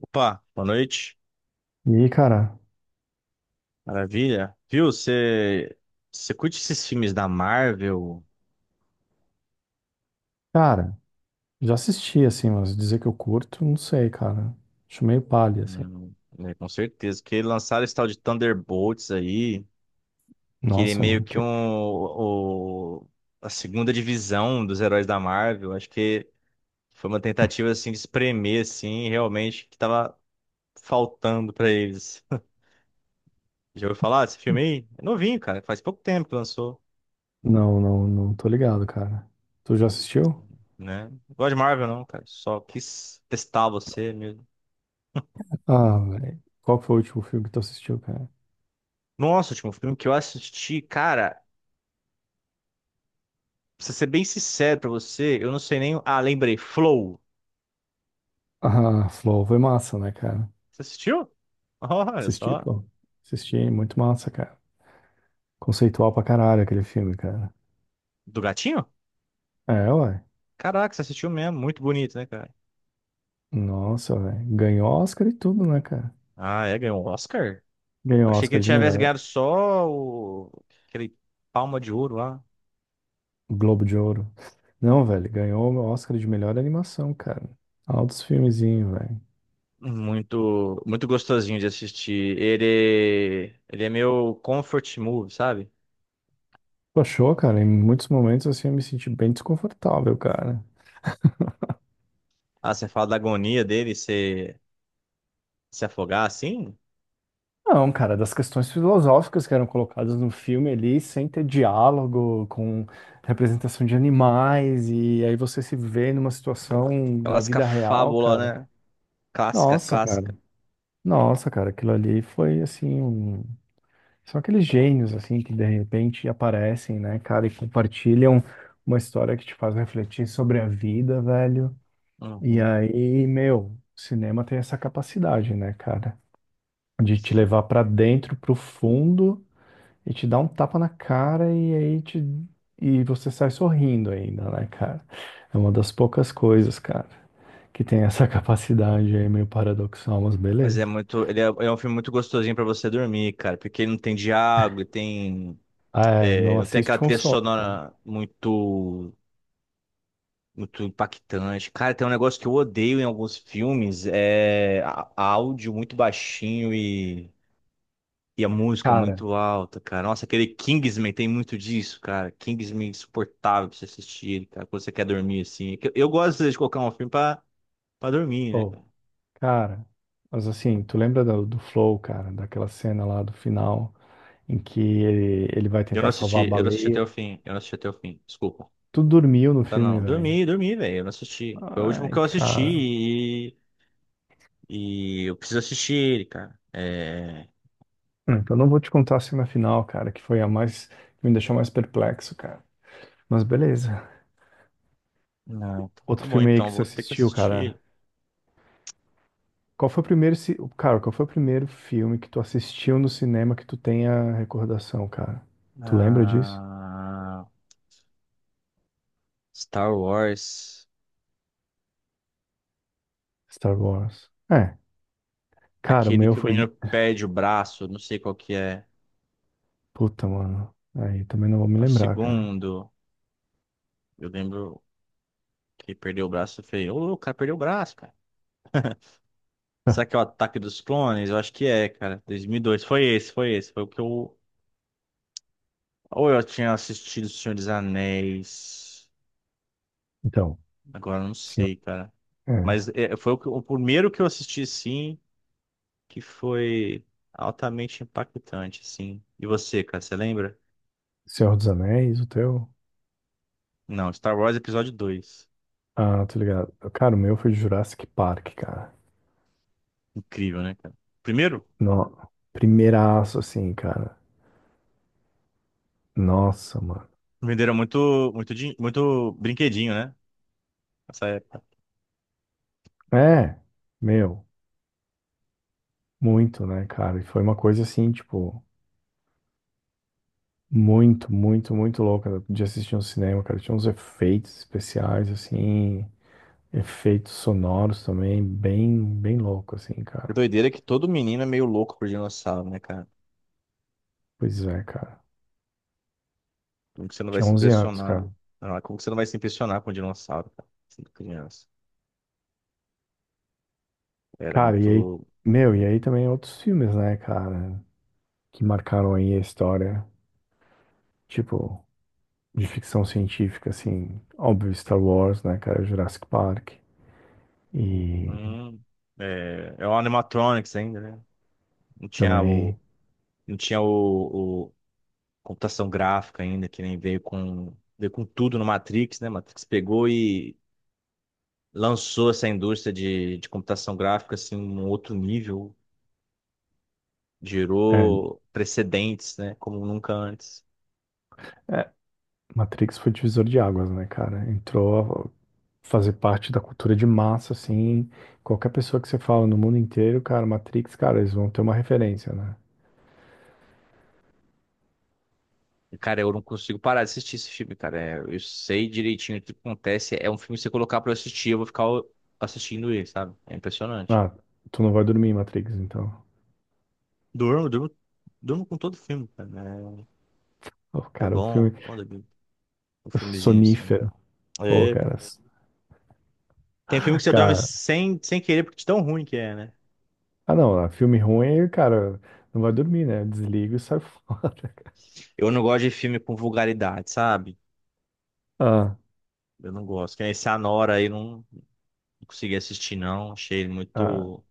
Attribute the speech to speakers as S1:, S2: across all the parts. S1: Opa, boa noite.
S2: E, cara,
S1: Maravilha. Viu, você curte esses filmes da Marvel?
S2: cara, já assisti, assim, mas dizer que eu curto, não sei, cara. Acho meio palha, assim.
S1: Né, com certeza. Que lançaram esse tal de Thunderbolts aí, que ele é
S2: Nossa,
S1: meio
S2: mano,
S1: que
S2: que...
S1: a segunda divisão dos heróis da Marvel. Acho que foi uma tentativa, assim, de espremer, assim, realmente, que tava faltando pra eles. Já ouviu falar desse filme aí? É novinho, cara. Faz pouco tempo que lançou,
S2: Não, não, não tô ligado, cara. Tu já assistiu?
S1: né? Não gosto de Marvel, não, cara. Só quis testar você mesmo.
S2: Ah, velho. Qual que foi o último filme que tu assistiu, cara?
S1: Nossa, último filme que eu assisti, cara, pra ser bem sincero pra você, eu não sei nem. Ah, lembrei, Flow.
S2: Ah, Flow foi massa, né, cara?
S1: Você assistiu? Olha
S2: Assisti,
S1: só.
S2: pô. Assisti, muito massa, cara. Conceitual pra caralho aquele filme, cara.
S1: Do gatinho?
S2: É, ué.
S1: Caraca, você assistiu mesmo. Muito bonito, né, cara?
S2: Nossa, velho. Ganhou Oscar e tudo, né, cara?
S1: Ah, é, ganhou um Oscar? Eu
S2: Ganhou
S1: achei que
S2: Oscar
S1: ele
S2: de
S1: tivesse
S2: melhor.
S1: ganhado só aquele Palma de Ouro lá.
S2: Globo de Ouro. Não, velho, ganhou o Oscar de melhor animação, cara. Altos filmezinhos, velho.
S1: Muito, muito gostosinho de assistir. Ele é meu comfort movie, sabe?
S2: Tu achou, cara? Em muitos momentos, assim, eu me senti bem desconfortável, cara.
S1: Ah, você fala da agonia dele se afogar assim?
S2: Não, cara, das questões filosóficas que eram colocadas no filme ali, sem ter diálogo, com representação de animais, e aí você se vê numa situação da
S1: Clássica
S2: vida real,
S1: fábula,
S2: cara.
S1: né? Clássica,
S2: Nossa, cara.
S1: clássica.
S2: Nossa, cara, aquilo ali foi, assim. São aqueles gênios, assim, que de repente aparecem, né, cara, e compartilham uma história que te faz refletir sobre a vida, velho. E
S1: Uhum.
S2: aí, meu, o cinema tem essa capacidade, né, cara, de te levar pra dentro, pro fundo, e te dar um tapa na cara, e você sai sorrindo ainda, né, cara? É uma das poucas coisas, cara, que tem essa capacidade aí, meio paradoxal, mas
S1: Mas é
S2: beleza.
S1: muito. Ele é um filme muito gostosinho pra você dormir, cara. Porque ele não tem diálogo, ele tem.
S2: Ah, é,
S1: É,
S2: não
S1: não tem
S2: assiste
S1: aquela
S2: com
S1: trilha
S2: sono, cara.
S1: sonora muito. Muito impactante. Cara, tem um negócio que eu odeio em alguns filmes: é a áudio muito baixinho e a música
S2: Cara,
S1: muito alta, cara. Nossa, aquele Kingsman tem muito disso, cara. Kingsman é insuportável pra você assistir, ele, cara. Quando você quer dormir assim. Eu gosto às vezes, de colocar um filme pra dormir, né,
S2: ô.
S1: cara?
S2: Cara, mas assim, tu lembra do Flow, cara, daquela cena lá do final em que ele vai
S1: Eu não
S2: tentar salvar a
S1: assisti, eu não assisti até
S2: baleia?
S1: o fim. Eu não assisti até o fim. Desculpa.
S2: Tu dormiu no
S1: Tá,
S2: filme,
S1: não.
S2: velho.
S1: Dormi, dormi, velho. Eu não assisti. Foi o último que
S2: Ai,
S1: eu assisti
S2: cara.
S1: e eu preciso assistir ele, cara. É.
S2: Então eu não vou te contar a cena final, cara, que foi a mais, que me deixou mais perplexo, cara. Mas beleza.
S1: Não, tá
S2: Outro
S1: bom
S2: filme aí
S1: então,
S2: que você
S1: vou ter que
S2: assistiu,
S1: assistir
S2: cara.
S1: ele.
S2: Qual foi o primeiro filme que tu assistiu no cinema que tu tenha recordação, cara? Tu lembra disso?
S1: Ah, Star Wars.
S2: Star Wars. É, cara, o
S1: Aquele
S2: meu
S1: que o
S2: foi.
S1: menino perde o braço, não sei qual que é.
S2: Puta, mano. Aí também não vou me
S1: É o
S2: lembrar, cara.
S1: segundo. Eu lembro que ele perdeu o braço. Eu falei, ô, o cara perdeu o braço, cara. Será que é o Ataque dos Clones? Eu acho que é, cara. 2002. Foi esse, foi esse. Foi o que eu. Ou eu tinha assistido O Senhor dos Anéis.
S2: Então,
S1: Agora não
S2: Senhor,
S1: sei, cara.
S2: é,
S1: Mas é, foi o primeiro que eu assisti, sim, que foi altamente impactante, assim. E você, cara, você lembra?
S2: Senhor dos Anéis, o teu?
S1: Não, Star Wars Episódio dois.
S2: Ah, tô ligado. Cara, o meu foi Jurassic Park, cara.
S1: Incrível, né, cara? Primeiro,
S2: No... Primeiraço, assim, cara. Nossa, mano.
S1: venderam muito, muito, muito brinquedinho, né? Nessa época.
S2: É, meu, muito, né, cara? E foi uma coisa assim, tipo, muito, muito, muito louca de assistir no cinema, cara. Tinha uns efeitos especiais, assim, efeitos sonoros também, bem, bem louco, assim, cara.
S1: Doideira que todo menino é meio louco por dinossauro, né, cara?
S2: Pois é, cara.
S1: Como que você não vai
S2: Tinha
S1: se
S2: 11 anos, cara.
S1: impressionar? Ah, como que você não vai se impressionar com dinossauro, cara? Sendo criança. Era
S2: Cara, e aí,
S1: muito.
S2: meu, e aí também outros filmes, né, cara, que marcaram aí a história, tipo, de ficção científica, assim, óbvio, Star Wars, né, cara, Jurassic Park, e
S1: Uhum. É o animatronics ainda, né? Não tinha o,
S2: também,
S1: não tinha o computação gráfica ainda, que nem veio com tudo no Matrix, né? Matrix pegou e lançou essa indústria de computação gráfica assim, um outro nível,
S2: é,
S1: gerou precedentes, né? Como nunca antes.
S2: é, Matrix foi divisor de águas, né, cara, entrou a fazer parte da cultura de massa, assim, qualquer pessoa que você fala no mundo inteiro, cara, Matrix, cara, eles vão ter uma referência, né.
S1: E, cara, eu não consigo parar de assistir esse filme, cara. É, eu sei direitinho o que acontece. É um filme que você colocar pra eu assistir, eu vou ficar assistindo ele, sabe? É impressionante.
S2: Ah, tu não vai dormir, Matrix, então.
S1: Durmo, durmo, durmo com todo filme, cara.
S2: Oh,
S1: É
S2: cara, o
S1: bom,
S2: filme
S1: bom dormir com um filmezinho assim.
S2: sonífero, pô,
S1: É,
S2: cara.
S1: tem filme que você dorme sem querer porque de tão ruim que é, né?
S2: Ah, não, ah, filme ruim, cara, não vai dormir, né? Desliga e sai fora, cara.
S1: Eu não gosto de filme com vulgaridade, sabe?
S2: Ah,
S1: Eu não gosto. Que nem esse Anora aí, não, não consegui assistir, não. Achei ele
S2: ah,
S1: muito.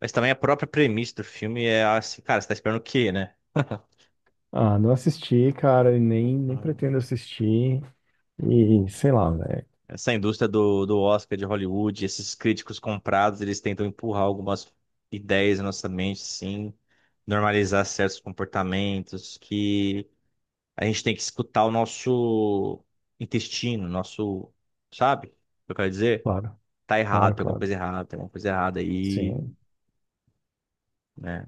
S1: Mas também a própria premissa do filme é assim, cara, você tá esperando o quê, né?
S2: ah, não assisti, cara, e nem
S1: Hum.
S2: pretendo assistir. E sei lá, né?
S1: Essa indústria do Oscar de Hollywood, esses críticos comprados, eles tentam empurrar algumas ideias na nossa mente, sim, normalizar certos comportamentos que a gente tem que escutar o nosso intestino, nosso, sabe? O que eu quero dizer?
S2: Claro,
S1: Tá errado,
S2: claro,
S1: tem alguma
S2: claro.
S1: coisa errada, tem alguma coisa errada aí,
S2: Sim,
S1: né?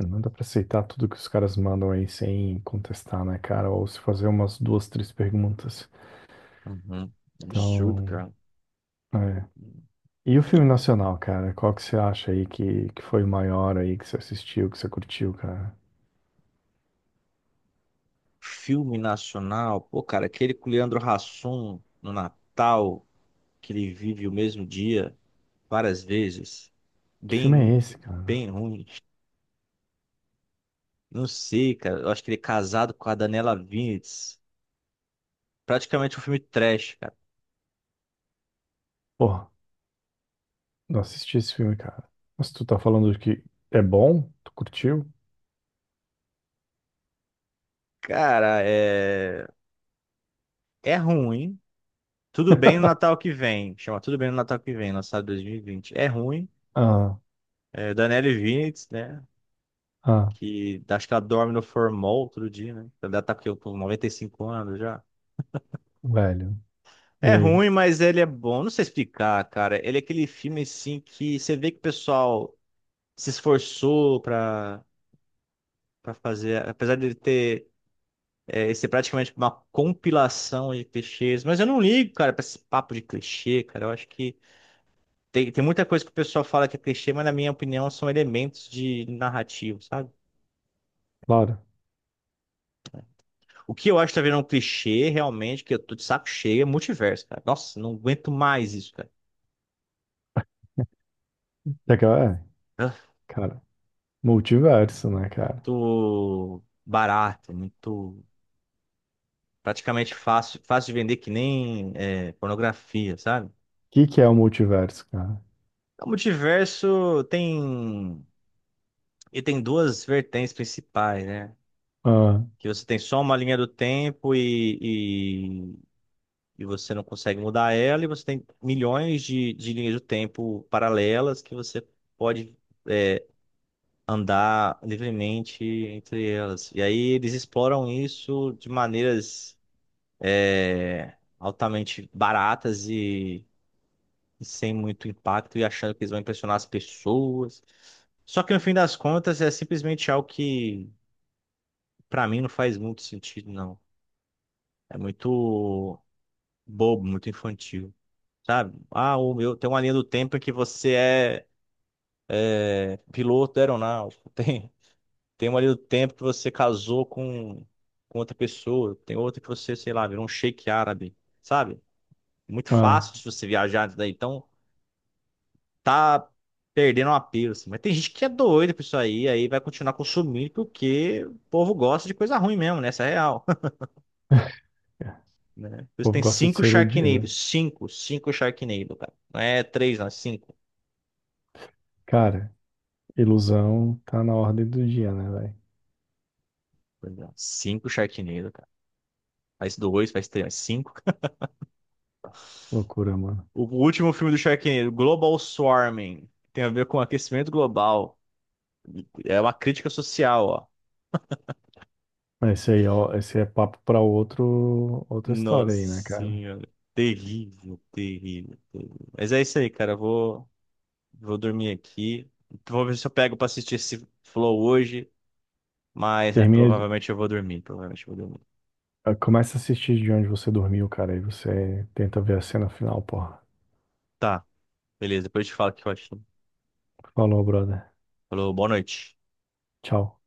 S2: não dá pra aceitar tudo que os caras mandam aí sem contestar, né, cara? Ou se fazer umas duas, três perguntas.
S1: Uhum. Absurdo,
S2: Então,
S1: cara.
S2: é. E o filme nacional, cara? Qual que você acha aí que foi o maior aí que você assistiu, que você curtiu, cara?
S1: Filme nacional, pô, cara, aquele com o Leandro Hassum no Natal, que ele vive o mesmo dia várias vezes.
S2: Que filme
S1: Bem,
S2: é esse, cara?
S1: bem ruim. Não sei, cara. Eu acho que ele é casado com a Daniela Vinitz. Praticamente um filme trash, cara.
S2: Pô. Não assisti esse filme, cara. Mas tu tá falando que é bom? Tu curtiu?
S1: Cara, é. É ruim. Tudo Bem no Natal que vem. Chama Tudo Bem no Natal que vem, lançado em 2020. É ruim.
S2: Ah,
S1: É Daniele Vinitz, né?
S2: ah,
S1: Que acho que ela dorme no formol outro dia, né? Ela tá com 95 anos já.
S2: velho. E
S1: É
S2: aí?
S1: ruim, mas ele é bom. Não sei explicar, cara. Ele é aquele filme, assim, que você vê que o pessoal se esforçou pra fazer. Apesar de ele ter... É, ser praticamente uma compilação de clichês. Mas eu não ligo, cara, pra esse papo de clichê, cara. Eu acho que tem muita coisa que o pessoal fala que é clichê, mas na minha opinião são elementos de narrativo, sabe?
S2: Claro.
S1: O que eu acho que tá virando um clichê realmente, que eu tô de saco cheio, é multiverso, cara. Nossa, não aguento mais isso, cara.
S2: É que,
S1: Ah,
S2: cara, multiverso, né, cara? O
S1: muito barato, muito praticamente fácil de vender que nem é, pornografia, sabe?
S2: que que é o multiverso, cara?
S1: O multiverso tem duas vertentes principais, né?
S2: Ah,
S1: Que você tem só uma linha do tempo e você não consegue mudar ela, e você tem milhões de linhas do tempo paralelas que você pode é, andar livremente entre elas. E aí eles exploram isso de maneiras altamente baratas e sem muito impacto, e achando que eles vão impressionar as pessoas. Só que no fim das contas é simplesmente algo que, pra mim, não faz muito sentido, não. É muito bobo, muito infantil. Sabe? Ah, o meu, tem uma linha do tempo que você é piloto aeronáutico, tem uma linha do tempo que você casou com outra pessoa, tem outra que você, sei lá, virou um sheik árabe, sabe? Muito
S2: ah.
S1: fácil se você viajar nisso daí, então tá perdendo uma pira, assim. Mas tem gente que é doida por isso aí, aí vai continuar consumindo porque o povo gosta de coisa ruim mesmo, né? Essa é a real, né?
S2: O
S1: Por isso
S2: povo
S1: tem
S2: gosta de
S1: cinco
S2: ser
S1: Sharknado,
S2: iludido.
S1: cinco, cinco Sharknado, cara. Não é três, não, é cinco.
S2: Cara, ilusão tá na ordem do dia, né, velho?
S1: Cinco Sharknado, cara. Faz dois, faz três, faz cinco.
S2: Loucura, mano.
S1: O último filme do Sharknado, Global Swarming, tem a ver com aquecimento global. É uma crítica social, ó.
S2: Mas esse aí, ó, esse é papo pra outro, outra história
S1: Nossa
S2: aí, né, cara?
S1: senhora. Terrível, terrível, terrível. Mas é isso aí, cara. Eu vou dormir aqui. Vou ver se eu pego pra assistir esse Flow hoje. Mas, né,
S2: Termina,
S1: provavelmente eu vou dormir. Provavelmente eu vou dormir.
S2: Ah, começa a assistir de onde você dormiu, cara, e você tenta ver a cena final, porra.
S1: Tá, beleza. Depois eu te falo o que eu achei.
S2: Falou, brother.
S1: Falou, boa noite.
S2: Tchau.